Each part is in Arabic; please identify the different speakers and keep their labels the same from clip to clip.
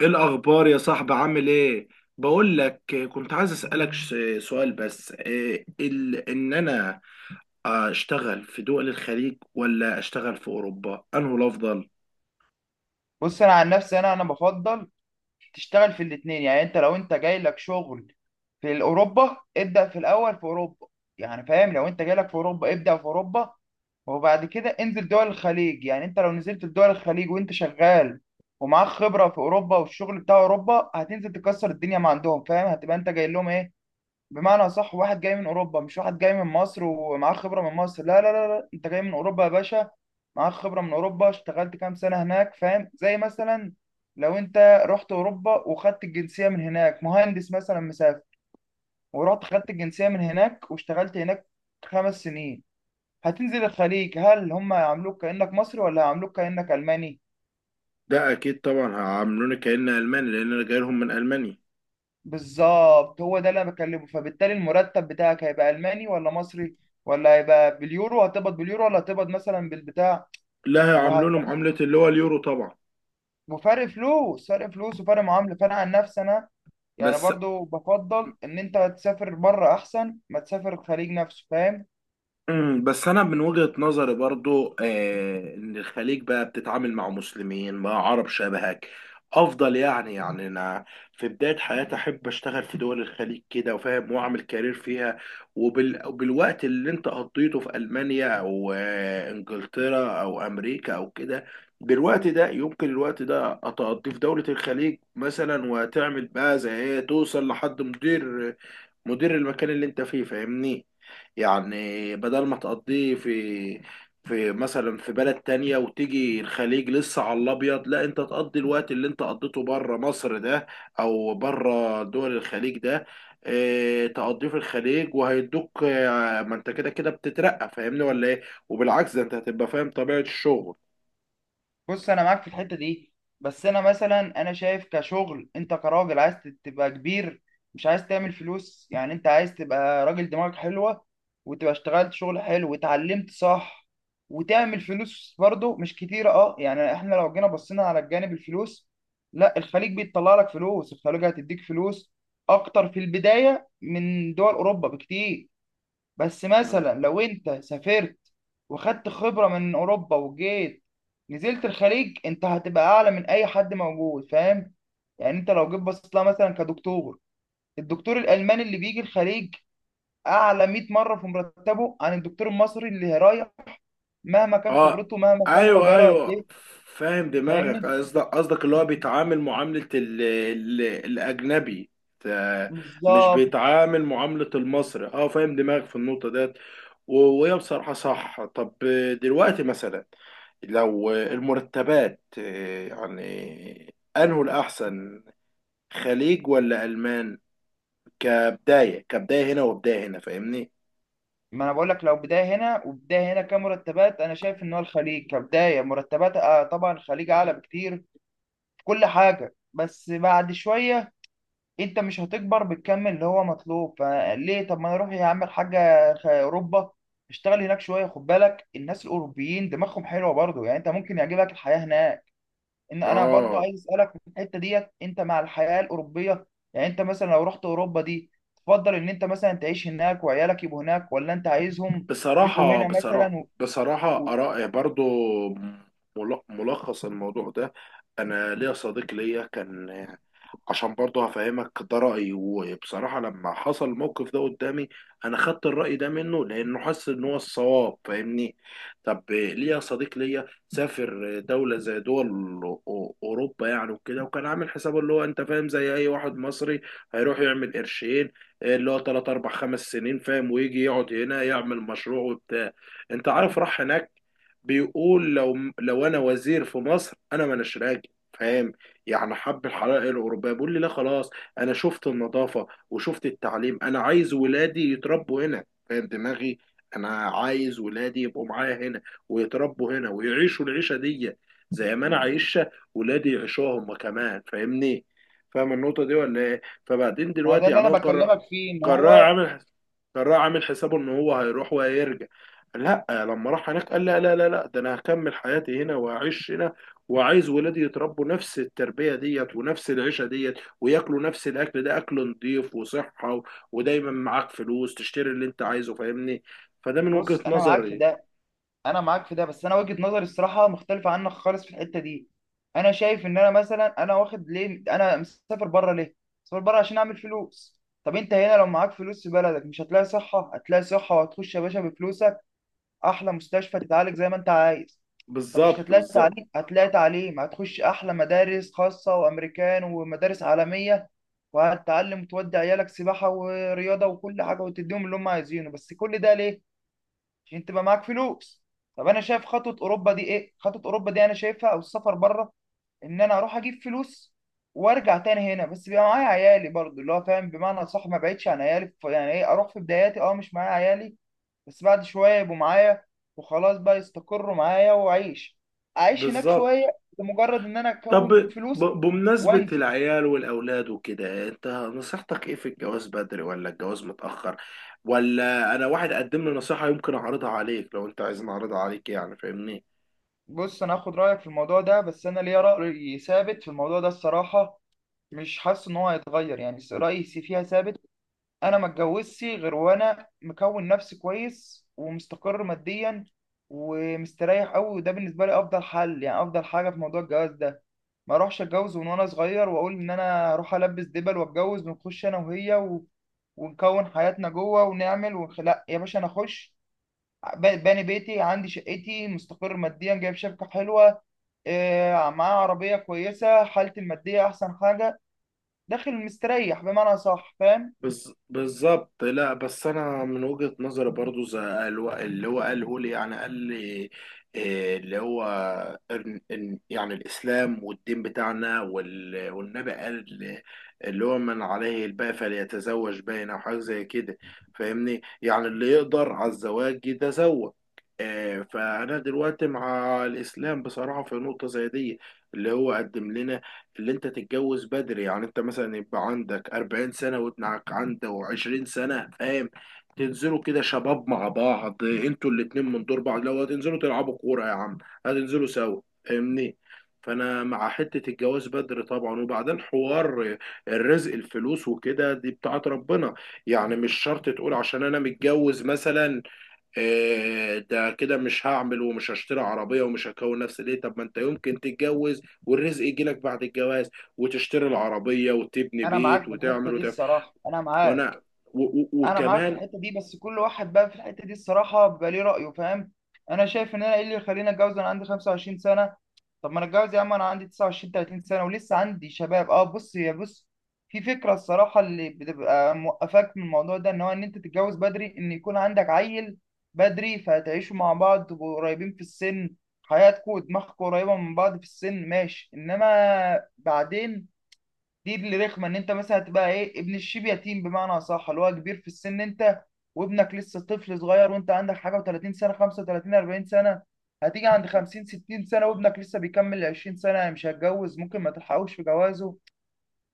Speaker 1: ايه الاخبار يا صاحبي، عامل ايه؟ بقول لك. كنت عايز اسالك سؤال، بس ان انا اشتغل في دول الخليج ولا اشتغل في اوروبا، انه الافضل؟
Speaker 2: بص، انا عن نفسي انا بفضل تشتغل في الاثنين. يعني انت لو انت جاي لك شغل في اوروبا، ابدا في الاول في اوروبا. يعني فاهم، لو انت جاي لك في اوروبا ابدا في اوروبا، وبعد كده انزل دول الخليج. يعني انت لو نزلت في دول الخليج وانت شغال ومعاك خبره في اوروبا والشغل بتاع اوروبا، هتنزل تكسر الدنيا ما عندهم. فاهم؟ هتبقى انت جاي لهم ايه؟ بمعنى صح، واحد جاي من اوروبا مش واحد جاي من مصر ومعاه خبره من مصر. لا لا لا لا، انت جاي من اوروبا يا باشا، معاك خبره من اوروبا، اشتغلت كام سنه هناك. فاهم؟ زي مثلا لو انت رحت اوروبا وخدت الجنسيه من هناك، مهندس مثلا مسافر، ورحت خدت الجنسيه من هناك واشتغلت هناك خمس سنين، هتنزل الخليج. هل هم هيعاملوك كانك مصري ولا هيعاملوك كانك الماني؟
Speaker 1: ده اكيد طبعا هيعاملوني كأن الماني، لان انا جاي لهم من المانيا.
Speaker 2: بالظبط، هو ده اللي انا بكلمه. فبالتالي المرتب بتاعك هيبقى الماني ولا مصري؟ ولا هيبقى باليورو؟ هتقبض باليورو ولا هتقبض مثلا بالبتاع؟
Speaker 1: لا،
Speaker 2: وهت...
Speaker 1: هيعاملوني معاملة اللي هو اليورو طبعا.
Speaker 2: وفرق فلوس، فرق فلوس وفرق معامله. فانا عن نفسي انا يعني
Speaker 1: بس
Speaker 2: برضو بفضل ان انت تسافر بره احسن ما تسافر الخليج نفسه. فاهم؟
Speaker 1: انا من وجهة نظري برضو ان الخليج بقى بتتعامل مع مسلمين، مع عرب شبهك، افضل. يعني انا في بداية حياتي احب اشتغل في دول الخليج كده، وفاهم، واعمل كارير فيها. وبالوقت اللي انت قضيته في المانيا، او انجلترا او امريكا او كده، بالوقت ده يمكن الوقت ده اتقضيه في دولة الخليج مثلا، وتعمل بقى زي ايه، توصل لحد مدير المكان اللي انت فيه، فاهمني؟ يعني بدل ما تقضيه في مثلا في بلد تانية، وتيجي الخليج لسه على الأبيض، لا، انت تقضي الوقت اللي انت قضيته بره مصر ده، أو بره دول الخليج ده، اه تقضيه في الخليج وهيدوك. اه ما انت كده كده بتترقى، فاهمني ولا ايه؟ وبالعكس ده، انت هتبقى فاهم طبيعة الشغل.
Speaker 2: بص انا معاك في الحته دي، بس انا مثلا انا شايف، كشغل انت كراجل، عايز تبقى كبير، مش عايز تعمل فلوس. يعني انت عايز تبقى راجل دماغك حلوه، وتبقى اشتغلت شغل حلو واتعلمت صح، وتعمل فلوس برضه مش كتيره. اه يعني احنا لو جينا بصينا على الجانب الفلوس، لا الخليج بيطلع لك فلوس، الخليج هتديك فلوس اكتر في البدايه من دول اوروبا بكتير. بس مثلا لو انت سافرت وخدت خبرة من اوروبا وجيت نزلت الخليج، انت هتبقى اعلى من اي حد موجود. فاهم؟ يعني انت لو جيت بصيت لها مثلا كدكتور، الدكتور الالماني اللي بيجي الخليج اعلى 100 مرة في مرتبه عن الدكتور المصري اللي رايح، مهما كان
Speaker 1: اه،
Speaker 2: خبرته، مهما كان ما
Speaker 1: ايوه
Speaker 2: بقاله قد
Speaker 1: ايوه.
Speaker 2: ايه.
Speaker 1: فاهم دماغك.
Speaker 2: فاهمني؟
Speaker 1: قصدك اللي هو بيتعامل معاملة ال ال الأجنبي. ت- مش
Speaker 2: بالظبط.
Speaker 1: بيتعامل معاملة المصري. اه فاهم دماغك في النقطة ديت. و- وهي بصراحة صح. طب دلوقتي مثلا، لو المرتبات يعني أنه الأحسن، خليج ولا ألمان؟ كبداية هنا وبداية هنا، فاهمني؟
Speaker 2: ما انا بقول لك، لو بدايه هنا وبدايه هنا كمرتبات، انا شايف ان هو الخليج كبدايه مرتبات، آه، طبعا الخليج اعلى بكتير في كل حاجه. بس بعد شويه انت مش هتكبر بالكم اللي هو مطلوب. فليه؟ طب ما انا اروح يا عم الحاجه اوروبا، اشتغل هناك شويه. خد بالك، الناس الاوروبيين دماغهم حلوه برضو، يعني انت ممكن يعجبك الحياه هناك. ان انا برضو
Speaker 1: اه،
Speaker 2: عايز اسالك في الحته ديت، انت مع الحياه الاوروبيه؟ يعني انت مثلا لو رحت اوروبا دي، تفضل ان انت مثلا تعيش هناك وعيالك يبقوا هناك، ولا انت عايزهم يجوا
Speaker 1: بصراحة
Speaker 2: هنا
Speaker 1: بصراحة
Speaker 2: مثلا
Speaker 1: بصراحة
Speaker 2: و...
Speaker 1: آراء برضو. ملخص الموضوع ده، أنا ليا صديق ليا كان، عشان برضه هفهمك ده رأيي، وبصراحة لما حصل الموقف ده قدامي أنا خدت الرأي ده منه، لأنه حس إن هو الصواب، فاهمني؟ طب ليه يا صديق ليا سافر دولة زي دول أوروبا يعني وكده، وكان عامل حسابه اللي هو، أنت فاهم، زي أي واحد مصري هيروح يعمل قرشين، اللي هو تلات أربع خمس سنين فاهم، ويجي يقعد هنا يعمل مشروع وبتاع. أنت عارف، راح هناك بيقول، لو أنا وزير في مصر أنا ما راجل، فاهم؟ يعني حب الحضاره الاوروبيه. بيقول لي، لا خلاص، انا شفت النظافه وشفت التعليم، انا عايز ولادي يتربوا هنا. فاهم دماغي؟ انا عايز ولادي يبقوا معايا هنا، ويتربوا هنا، ويعيشوا العيشه دي زي ما انا عايشها، ولادي يعيشوها هم كمان، فاهمني؟ فاهم النقطه دي ولا ايه؟ فبعدين
Speaker 2: ما هو ده
Speaker 1: دلوقتي
Speaker 2: اللي
Speaker 1: يعني
Speaker 2: انا
Speaker 1: هو قرر.
Speaker 2: بكلمك فيه، ان
Speaker 1: قرع
Speaker 2: هو
Speaker 1: عامل قرع عامل حسابه ان هو هيروح وهيرجع. لا، لما راح هناك قال، لا لا لا لا، ده انا هكمل حياتي هنا وهعيش هنا، وعايز ولادي يتربوا نفس التربيه ديت ونفس العيشه ديت، وياكلوا نفس الاكل ده، اكل نضيف وصحه، و- ودايما معاك فلوس تشتري اللي انت عايزه، فاهمني؟ فده من وجهة
Speaker 2: بص انا معاك في
Speaker 1: نظري.
Speaker 2: ده، انا معاك في ده، بس انا وجهة نظري الصراحه مختلفه عنك خالص في الحته دي. انا شايف ان انا مثلا انا واخد ليه، انا مسافر بره ليه؟ مسافر بره عشان اعمل فلوس. طب انت هنا لو معاك فلوس في بلدك، مش هتلاقي صحه؟ هتلاقي صحه، وهتخش يا باشا بفلوسك احلى مستشفى، تتعالج زي ما انت عايز. طب مش
Speaker 1: بالظبط،
Speaker 2: هتلاقي
Speaker 1: بالظبط،
Speaker 2: تعليم؟ هتلاقي تعليم، هتخش احلى مدارس خاصه وامريكان ومدارس عالميه، وهتتعلم، وتودي عيالك سباحه ورياضه وكل حاجه، وتديهم اللي هم عايزينه. بس كل ده ليه؟ عشان تبقى معاك فلوس. طب انا شايف خطوه اوروبا دي ايه، خطوه اوروبا دي انا شايفها او السفر بره، ان انا اروح اجيب فلوس وارجع تاني هنا، بس بيبقى معايا عيالي برضو اللي هو فاهم بمعنى صح، ما بعيدش عن عيالي، يعني ايه، اروح في بداياتي اه مش معايا عيالي، بس بعد شويه يبقوا معايا وخلاص بقى، يستقروا معايا واعيش اعيش هناك شويه
Speaker 1: بالظبط.
Speaker 2: لمجرد ان انا
Speaker 1: طب
Speaker 2: اكون فلوس
Speaker 1: بمناسبة
Speaker 2: وانزل.
Speaker 1: العيال والأولاد وكده، أنت نصيحتك إيه؟ في الجواز بدري ولا الجواز متأخر؟ ولا، أنا واحد قدم لي نصيحة، يمكن أعرضها عليك لو أنت عايز، أعرضها عليك يعني، فاهمني؟
Speaker 2: بص انا هاخد رايك في الموضوع ده، بس انا ليا راي ثابت في الموضوع ده الصراحه، مش حاسس ان هو هيتغير، يعني رايي فيها ثابت. انا ما اتجوزش غير وانا مكون نفسي كويس ومستقر ماديا ومستريح قوي، وده بالنسبه لي افضل حل، يعني افضل حاجه في موضوع الجواز ده. ما اروحش اتجوز من وانا صغير واقول ان انا هروح البس دبل واتجوز، ونخش انا وهي ونكون حياتنا جوه ونعمل لا يا باشا، انا اخش باني بيتي، عندي شقتي، مستقر ماديا، جايب شبكه حلوه، معاه عربيه كويسه، حالتي الماديه احسن حاجه، داخل مستريح بمعنى صح. فاهم؟
Speaker 1: بالظبط. لا، بس انا من وجهة نظري برضو، زي اللي هو قاله لي، يعني قال لي إيه اللي هو، إن يعني الاسلام والدين بتاعنا، والنبي قال، اللي هو، من عليه الباء فليتزوج باين او حاجه زي كده، فاهمني؟ يعني اللي يقدر على الزواج يتزوج. إيه، فانا دلوقتي مع الاسلام بصراحه في نقطه زي دي، اللي هو قدم لنا، اللي انت تتجوز بدري. يعني انت مثلا يبقى عندك 40 سنة، وابنك عنده 20 سنة، فاهم؟ تنزلوا كده شباب مع بعض، انتوا الاتنين من دور بعض. لو هتنزلوا تلعبوا كورة يا عم، هتنزلوا سوا، فاهمني؟ فانا مع حتة الجواز بدري طبعا. وبعدين، حوار الرزق، الفلوس وكده دي بتاعت ربنا. يعني مش شرط تقول، عشان انا متجوز مثلا ده كده مش هعمل، ومش هشتري عربية، ومش هكون نفسي. ليه؟ طب ما انت يمكن تتجوز والرزق يجيلك بعد الجواز، وتشتري العربية، وتبني
Speaker 2: انا معاك
Speaker 1: بيت،
Speaker 2: في الحته
Speaker 1: وتعمل
Speaker 2: دي
Speaker 1: وتعمل.
Speaker 2: الصراحه، انا معاك،
Speaker 1: وانا و و
Speaker 2: انا معاك في
Speaker 1: وكمان.
Speaker 2: الحته دي. بس كل واحد بقى في الحته دي الصراحه بيبقى ليه رايه. فاهم؟ انا شايف ان انا ايه اللي يخليني اتجوز وانا عندي 25 سنه؟ طب ما انا اتجوز يا عم انا عندي 29 30 سنه ولسه عندي شباب. اه بص، يا بص، في فكره الصراحه اللي بتبقى موقفاك من الموضوع ده، ان هو ان انت تتجوز بدري، ان يكون عندك عيل بدري، فتعيشوا مع بعض، تبقوا قريبين في السن، حياتكم ودماغكم قريبه من بعض في السن، ماشي. انما بعدين دي اللي رخمه، ان انت مثلا تبقى ايه، ابن الشيب يتيم، بمعنى اصح اللي هو كبير في السن انت، وابنك لسه طفل صغير، وانت عندك حاجه و30 سنه، 35، 40 سنه، هتيجي عند 50، 60 سنه، وابنك لسه بيكمل 20 سنه، مش هيتجوز، ممكن ما تلحقوش في جوازه.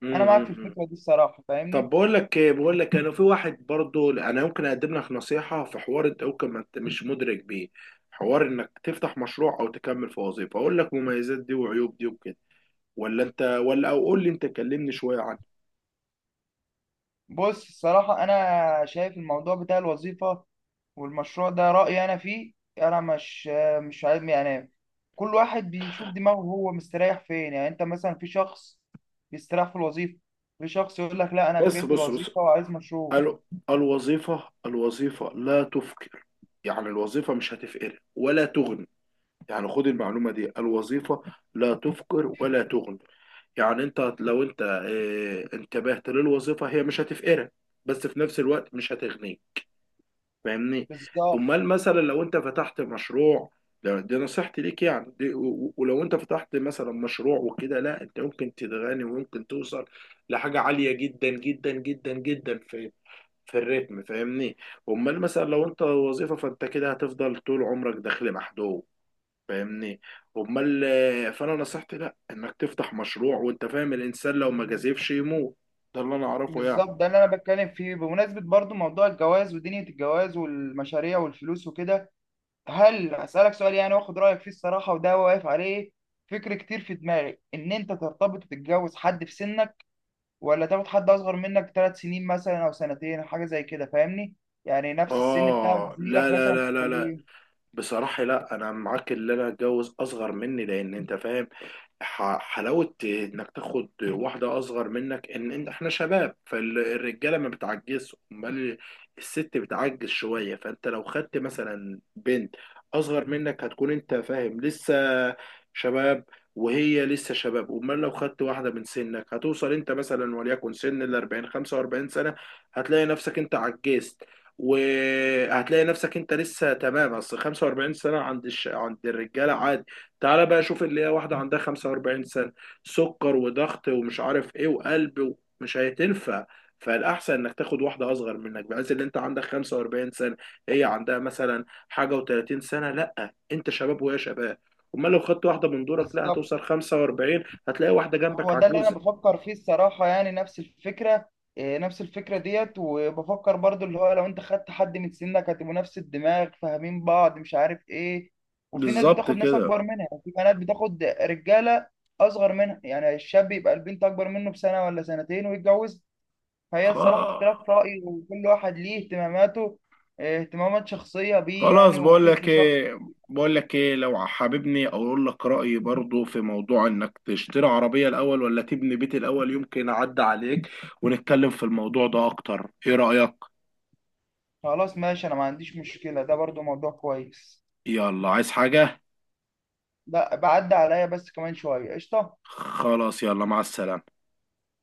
Speaker 1: م
Speaker 2: انا معاك
Speaker 1: -م
Speaker 2: في
Speaker 1: -م.
Speaker 2: الفكره دي الصراحه.
Speaker 1: طب
Speaker 2: فاهمني؟
Speaker 1: بقول لك ايه، بقول لك، انا في واحد برضو انا يمكن اقدم لك نصيحة، في حوار انت يمكن ما انت مش مدرك بيه، حوار انك تفتح مشروع او تكمل في وظيفة. اقول لك مميزات دي وعيوب دي وكده، ولا انت، ولا، او قول لي انت، كلمني شوية عنه.
Speaker 2: بص الصراحة، أنا شايف الموضوع بتاع الوظيفة والمشروع ده، رأيي أنا فيه، أنا مش عارف يعني، كل واحد بيشوف دماغه هو مستريح فين. يعني أنت مثلا في شخص بيستريح في الوظيفة، في شخص يقول لك لا أنا
Speaker 1: بس
Speaker 2: كرهت
Speaker 1: بص بص.
Speaker 2: الوظيفة وعايز مشروع.
Speaker 1: ال- الوظيفة لا تفقر. يعني الوظيفة مش هتفقر ولا تغني. يعني خد المعلومة دي، الوظيفة لا تفقر ولا تغني. يعني انت لو انت انتبهت للوظيفة، هي مش هتفقرك، بس في نفس الوقت مش هتغنيك، فاهمني؟
Speaker 2: بالظبط
Speaker 1: امال مثلا لو انت فتحت مشروع، دي نصيحتي ليك يعني، دي ولو انت فتحت مثلا مشروع وكده، لا، انت ممكن تتغني، وممكن توصل لحاجة عالية جدا جدا جدا جدا في الريتم، فاهمني؟ امال مثلا لو انت وظيفه، فانت كده هتفضل طول عمرك داخل محدود، فاهمني؟ امال فانا نصيحتي، لا، انك تفتح مشروع. وانت فاهم، الانسان لو ما جازفش يموت. ده اللي انا اعرفه يعني.
Speaker 2: بالظبط، ده اللي أنا بتكلم فيه. بمناسبة برضو موضوع الجواز ودنيا الجواز والمشاريع والفلوس وكده، هل أسألك سؤال يعني وآخد رأيك فيه الصراحة، وده واقف عليه. فكر كتير في دماغي، إن أنت ترتبط وتتجوز حد في سنك، ولا تاخد حد اصغر منك ثلاث سنين مثلا او سنتين حاجه زي كده؟ فاهمني؟ يعني نفس السن بتاعك،
Speaker 1: اه،
Speaker 2: زميلك
Speaker 1: لا لا
Speaker 2: مثلا في
Speaker 1: لا لا لا،
Speaker 2: الكليه.
Speaker 1: بصراحة لا، أنا معاك. اللي أنا أتجوز أصغر مني، لأن أنت فاهم حلاوة إنك تاخد واحدة أصغر منك، إن إحنا شباب. فالرجالة ما بتعجزش، أمال الست بتعجز شوية. فأنت لو خدت مثلا بنت أصغر منك، هتكون أنت فاهم لسه شباب، وهي لسه شباب. أمال لو خدت واحدة من سنك، هتوصل أنت مثلا، وليكن سن 40، 45 سنة، هتلاقي نفسك أنت عجزت، وهتلاقي نفسك انت لسه تمام. اصل 45 سنه عند عند الرجاله عادي. تعالى بقى شوف اللي هي واحده عندها 45 سنه، سكر وضغط ومش عارف ايه وقلب مش هتنفع. فالاحسن انك تاخد واحده اصغر منك، بحيث ان انت عندك 45 سنه، هي عندها مثلا حاجه و30 سنه، لا، انت شباب وهي شباب. امال لو خدت واحده من دورك، لا،
Speaker 2: بالظبط،
Speaker 1: هتوصل 45 هتلاقي واحده جنبك
Speaker 2: هو ده اللي انا
Speaker 1: عجوزه.
Speaker 2: بفكر فيه الصراحه، يعني نفس الفكره. إيه، نفس الفكره ديت. وبفكر برضو اللي هو لو انت خدت حد من سنك، هتبقوا نفس الدماغ، فاهمين بعض، مش عارف ايه. وفي ناس
Speaker 1: بالظبط
Speaker 2: بتاخد ناس
Speaker 1: كده.
Speaker 2: اكبر منها، يعني في بنات بتاخد رجاله اصغر منها، يعني الشاب يبقى البنت اكبر منه بسنه ولا سنتين ويتجوز. فهي
Speaker 1: خا
Speaker 2: الصراحة اختلاف رأي، وكل واحد ليه اهتماماته، اه، اهتمامات شخصية بيه
Speaker 1: خلاص،
Speaker 2: يعني،
Speaker 1: بقول
Speaker 2: وفكر
Speaker 1: لك
Speaker 2: شخص
Speaker 1: ايه، بقول لك ايه، لو حاببني اقول لك رايي برضو في موضوع انك تشتري عربيه الاول ولا تبني بيت الاول، يمكن اعدي عليك ونتكلم في الموضوع ده اكتر، ايه رايك؟
Speaker 2: خلاص ماشي، أنا ما عنديش مشكلة، ده برضو موضوع كويس.
Speaker 1: يلا عايز حاجه؟
Speaker 2: ده بعد عليا بس كمان شوية قشطة.
Speaker 1: خلاص، يلا مع السلامه.